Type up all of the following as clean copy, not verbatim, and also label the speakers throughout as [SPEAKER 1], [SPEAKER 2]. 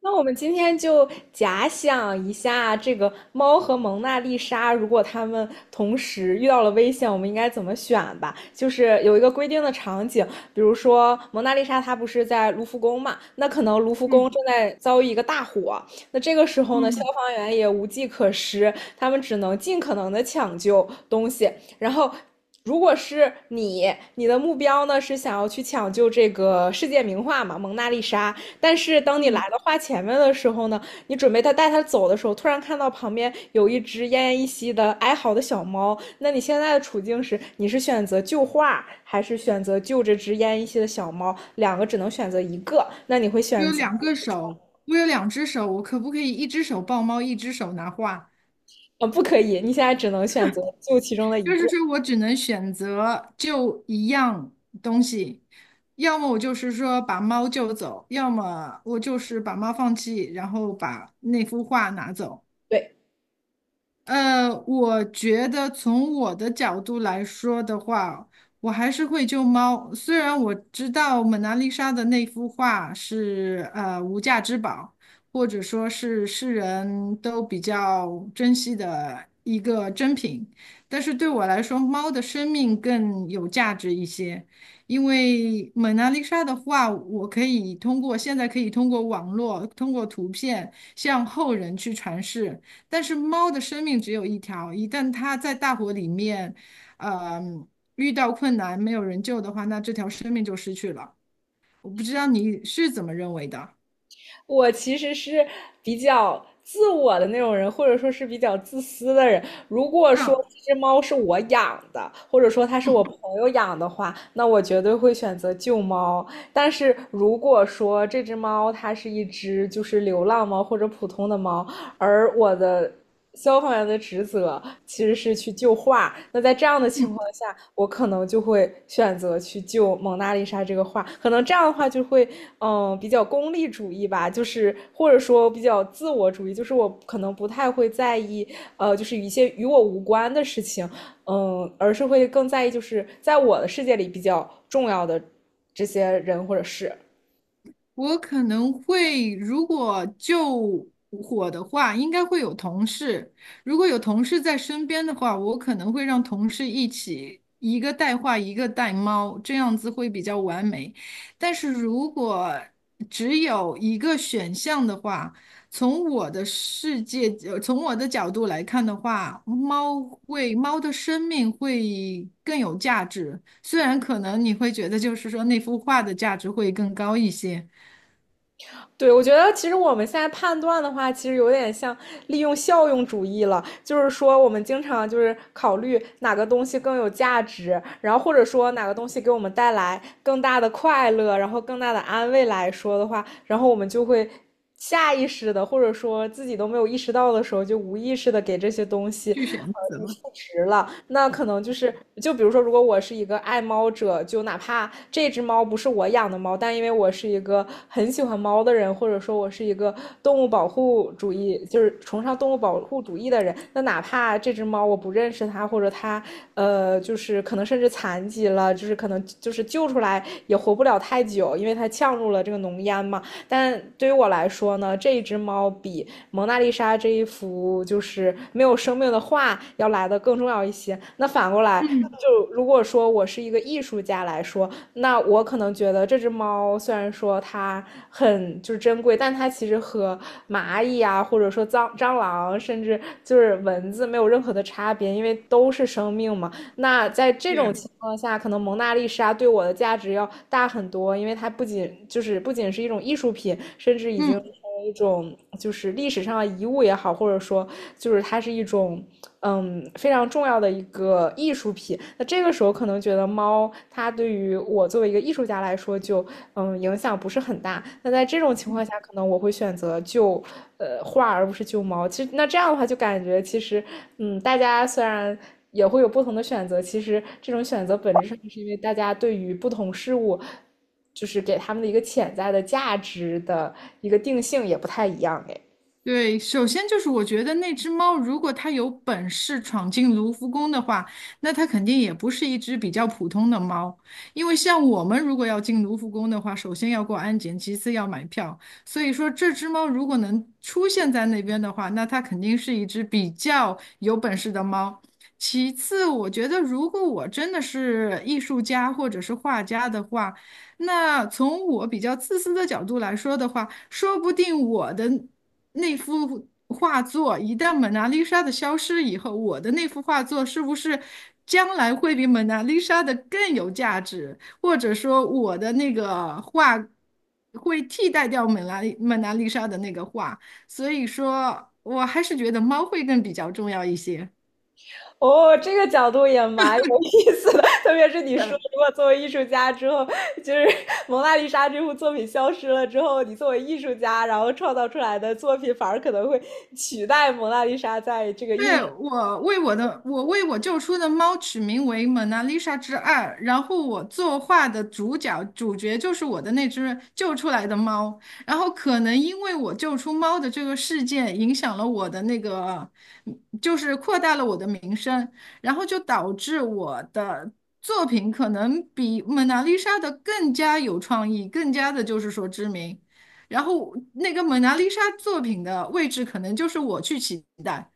[SPEAKER 1] 那我们今天就假想一下，这个猫和蒙娜丽莎，如果它们同时遇到了危险，我们应该怎么选吧？就是有一个规定的场景，比如说蒙娜丽莎她不是在卢浮宫嘛，那可能卢浮宫
[SPEAKER 2] 嗯
[SPEAKER 1] 正在遭遇一个大火，那这个时候呢，消
[SPEAKER 2] 嗯，
[SPEAKER 1] 防员也无计可施，他们只能尽可能的抢救东西，然后。如果是你，你的目标呢是想要去抢救这个世界名画嘛，蒙娜丽莎。但是当你来到画前面的时候呢，你准备他带他走的时候，突然看到旁边有一只奄奄一息的哀嚎的小猫，那你现在的处境是，你是选择救画，还是选择救这只奄奄一息的小猫？两个只能选择一个，那你会
[SPEAKER 2] 我
[SPEAKER 1] 选
[SPEAKER 2] 有
[SPEAKER 1] 择，
[SPEAKER 2] 两个手，我有两只手，我可不可以一只手抱猫，一只手拿画？
[SPEAKER 1] 啊，不可以，你现在只能选择救其中的一
[SPEAKER 2] 就是
[SPEAKER 1] 个。
[SPEAKER 2] 说我只能选择就一样东西，要么我就是说把猫救走，要么我就是把猫放弃，然后把那幅画拿走。
[SPEAKER 1] 对，
[SPEAKER 2] 我觉得从我的角度来说的话，我还是会救猫。虽然我知道蒙娜丽莎的那幅画是无价之宝，或者说是世人都比较珍惜的一个珍品，但是对我来说，猫的生命更有价值一些。因为蒙娜丽莎的画，我可以通过网络，通过图片向后人去传世。但是猫的生命只有一条，一旦它在大火里面，呃，遇到困难没有人救的话，那这条生命就失去了。我不知道你是怎么认为的。
[SPEAKER 1] 我其实是比较自我的那种人，或者说是比较自私的人。如果说
[SPEAKER 2] 嗯，
[SPEAKER 1] 这只猫是我养的，或者说它是我朋友养的话，那我绝对会选择救猫。但是如果说这只猫它是一只就是流浪猫或者普通的猫，而我的消防员的职责其实是去救画。那在这样的情况下，我可能就会选择去救蒙娜丽莎这个画。可能这样的话就会，嗯，比较功利主义吧，就是或者说比较自我主义，就是我可能不太会在意，就是一些与我无关的事情，嗯，而是会更在意就是在我的世界里比较重要的这些人或者事。
[SPEAKER 2] 我可能会，如果救火的话，应该会有同事。如果有同事在身边的话，我可能会让同事一起，一个带画，一个带猫，这样子会比较完美。但是如果只有一个选项的话，从我的世界，从我的角度来看的话，猫的生命会更有价值。虽然可能你会觉得，就是说那幅画的价值会更高一些。
[SPEAKER 1] 对，我觉得其实我们现在判断的话，其实有点像利用效用主义了，就是说我们经常就是考虑哪个东西更有价值，然后或者说哪个东西给我们带来更大的快乐，然后更大的安慰来说的话，然后我们就会下意识的，或者说自己都没有意识到的时候，就无意识的给这些东西，
[SPEAKER 2] 去选择。
[SPEAKER 1] 赋值了。那可能就是，就比如说，如果我是一个爱猫者，就哪怕这只猫不是我养的猫，但因为我是一个很喜欢猫的人，或者说我是一个动物保护主义，就是崇尚动物保护主义的人，那哪怕这只猫我不认识它，或者它，就是可能甚至残疾了，就是可能就是救出来也活不了太久，因为它呛入了这个浓烟嘛。但对于我来说呢，这一只猫比蒙娜丽莎这一幅就是没有生命的画要来的更重要一些。那反过来，
[SPEAKER 2] 嗯，
[SPEAKER 1] 就如果说我是一个艺术家来说，那我可能觉得这只猫虽然说它很就是珍贵，但它其实和蚂蚁啊，或者说蟑螂，甚至就是蚊子没有任何的差别，因为都是生命嘛。那在这种
[SPEAKER 2] 对，
[SPEAKER 1] 情况下，可能蒙娜丽莎对我的价值要大很多，因为它不仅就是不仅是一种艺术品，甚至已经成
[SPEAKER 2] 嗯，
[SPEAKER 1] 为一种就是历史上的遗物也好，或者说就是它是一种非常重要的一个艺术品。那这个时候可能觉得猫它对于我作为一个艺术家来说就影响不是很大。那在这种情况下，可能我会选择救画而不是救猫。其实那这样的话就感觉其实大家虽然。也会有不同的选择。其实这种选择本质上是因为大家对于不同事物，就是给他们的一个潜在的价值的一个定性也不太一样哎。
[SPEAKER 2] 对，首先就是我觉得那只猫，如果它有本事闯进卢浮宫的话，那它肯定也不是一只比较普通的猫，因为像我们如果要进卢浮宫的话，首先要过安检，其次要买票。所以说，这只猫如果能出现在那边的话，那它肯定是一只比较有本事的猫。其次，我觉得如果我真的是艺术家或者是画家的话，那从我比较自私的角度来说的话，说不定我的那幅画作一旦蒙娜丽莎的消失以后，我的那幅画作是不是将来会比蒙娜丽莎的更有价值？或者说，我的那个画会替代掉蒙娜丽莎的那个画？所以说，我还是觉得猫会更比较重要一些。
[SPEAKER 1] 哦，这个角度也蛮有意思的，特别是你说，如果作为艺术家之后，就是《蒙娜丽莎》这幅作品消失了之后，你作为艺术家，然后创造出来的作品反而可能会取代《蒙娜丽莎》在这个艺
[SPEAKER 2] 对，
[SPEAKER 1] 术
[SPEAKER 2] 我为我救出的猫取名为《蒙娜丽莎之二》，然后我作画的主角就是我的那只救出来的猫，然后可能因为我救出猫的这个事件影响了我的那个，就是扩大了我的名声，然后就导致我的作品可能比《蒙娜丽莎》的更加有创意，更加的就是说知名，然后那个《蒙娜丽莎》作品的位置可能就是我去取代。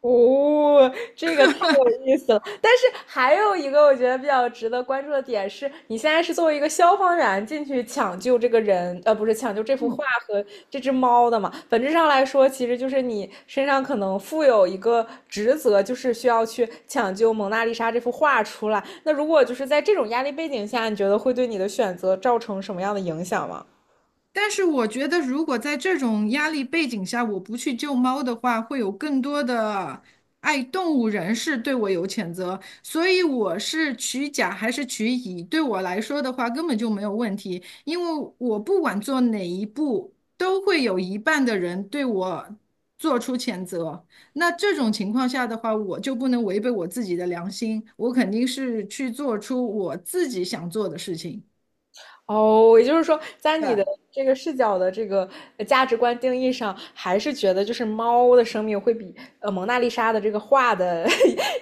[SPEAKER 1] 哦，这个太有意思了。但是还有一个我觉得比较值得关注的点是，你现在是作为一个消防员进去抢救这个人，不是抢救这幅画和这只猫的嘛？本质上来说，其实就是你身上可能负有一个职责，就是需要去抢救蒙娜丽莎这幅画出来。那如果就是在这种压力背景下，你觉得会对你的选择造成什么样的影响吗？
[SPEAKER 2] 但是我觉得，如果在这种压力背景下，我不去救猫的话，会有更多的爱动物人士对我有谴责。所以我是取甲还是取乙，对我来说的话根本就没有问题，因为我不管做哪一步，都会有一半的人对我做出谴责。那这种情况下的话，我就不能违背我自己的良心，我肯定是去做出我自己想做的事情。
[SPEAKER 1] 哦，也就是说，在你的
[SPEAKER 2] 对
[SPEAKER 1] 这个视角的这个价值观定义上，还是觉得就是猫的生命会比蒙娜丽莎的这个画的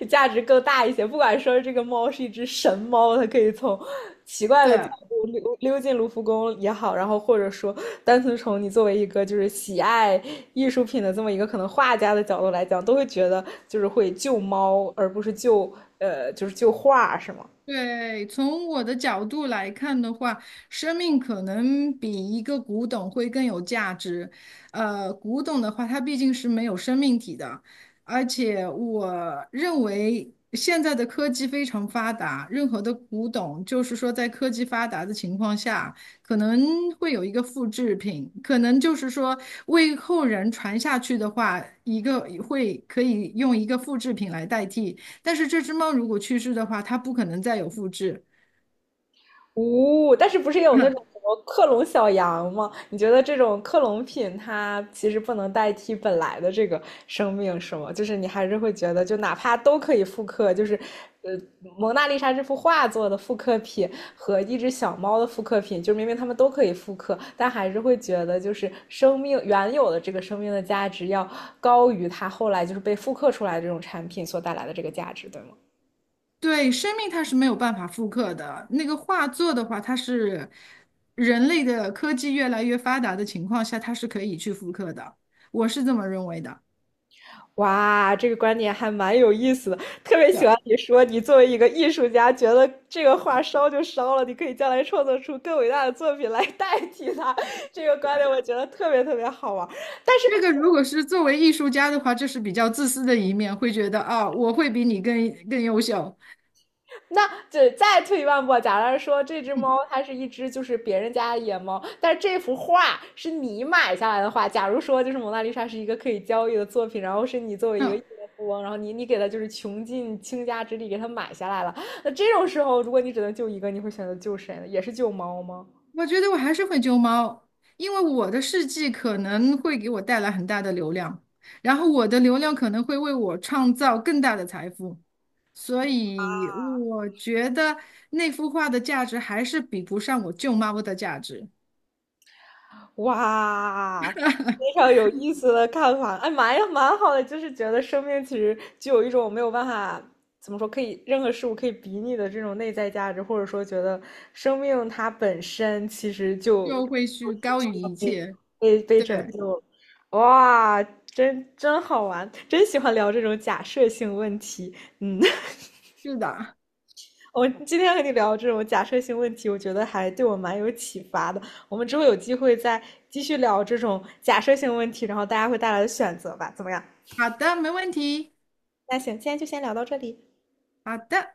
[SPEAKER 1] 价值更大一些。不管说这个猫是一只神猫，它可以从奇怪的角
[SPEAKER 2] 对。
[SPEAKER 1] 度溜进卢浮宫也好，然后或者说单纯从你作为一个就是喜爱艺术品的这么一个可能画家的角度来讲，都会觉得就是会救猫，而不是救就是救画，是吗？
[SPEAKER 2] 对，从我的角度来看的话，生命可能比一个古董会更有价值。古董的话，它毕竟是没有生命体的，而且我认为现在的科技非常发达，任何的古董，就是说在科技发达的情况下，可能会有一个复制品，可能就是说为后人传下去的话，一个可以用一个复制品来代替。但是这只猫如果去世的话，它不可能再有复制。
[SPEAKER 1] 哦，但是不是也有那种什 么克隆小羊吗？你觉得这种克隆品它其实不能代替本来的这个生命，是吗？就是你还是会觉得，就哪怕都可以复刻，就是呃，蒙娜丽莎这幅画作的复刻品和一只小猫的复刻品，就明明它们都可以复刻，但还是会觉得就是生命原有的这个生命的价值要高于它后来就是被复刻出来的这种产品所带来的这个价值，对吗？
[SPEAKER 2] 对，生命它是没有办法复刻的。那个画作的话，它是人类的科技越来越发达的情况下，它是可以去复刻的。我是这么认为的。
[SPEAKER 1] 哇，这个观点还蛮有意思的，特别
[SPEAKER 2] 对，
[SPEAKER 1] 喜欢你说，你作为一个艺术家，觉得这个画烧就烧了，你可以将来创作出更伟大的作品来代替它。这个
[SPEAKER 2] 对，
[SPEAKER 1] 观点我觉得特别特别好玩但是
[SPEAKER 2] 这个如果是作为艺术家的话，这是比较自私的一面，会觉得啊，我会比你更优秀。
[SPEAKER 1] 那只再退一万步，假如说这只猫它是一只就是别人家的野猫，但是这幅画是你买下来的话，假如说就是蒙娜丽莎是一个可以交易的作品，然后是你作为一个亿
[SPEAKER 2] 嗯，
[SPEAKER 1] 万富翁，然后你给它就是穷尽倾家之力给它买下来了，那这种时候如果你只能救一个，你会选择救谁呢？也是救猫吗？
[SPEAKER 2] 我觉得我还是会救猫，因为我的事迹可能会给我带来很大的流量，然后我的流量可能会为我创造更大的财富，所以我觉得那幅画的价值还是比不上我救猫的价值，
[SPEAKER 1] 哇，非常有意思的看法，哎，蛮呀，蛮好的，就是觉得生命其实就有一种没有办法怎么说，可以任何事物可以比拟的这种内在价值，或者说觉得生命它本身其实就
[SPEAKER 2] 就会去高于一切。
[SPEAKER 1] 被
[SPEAKER 2] 对，
[SPEAKER 1] 拯救了，哇，真好玩，真喜欢聊这种假设性问题，嗯。
[SPEAKER 2] 是的，
[SPEAKER 1] 我今天和你聊这种假设性问题，我觉得还对我蛮有启发的。我们之后有机会再继续聊这种假设性问题，然后大家会带来的选择吧，怎么样？
[SPEAKER 2] 好的，没问题，
[SPEAKER 1] 那行，今天就先聊到这里。
[SPEAKER 2] 好的。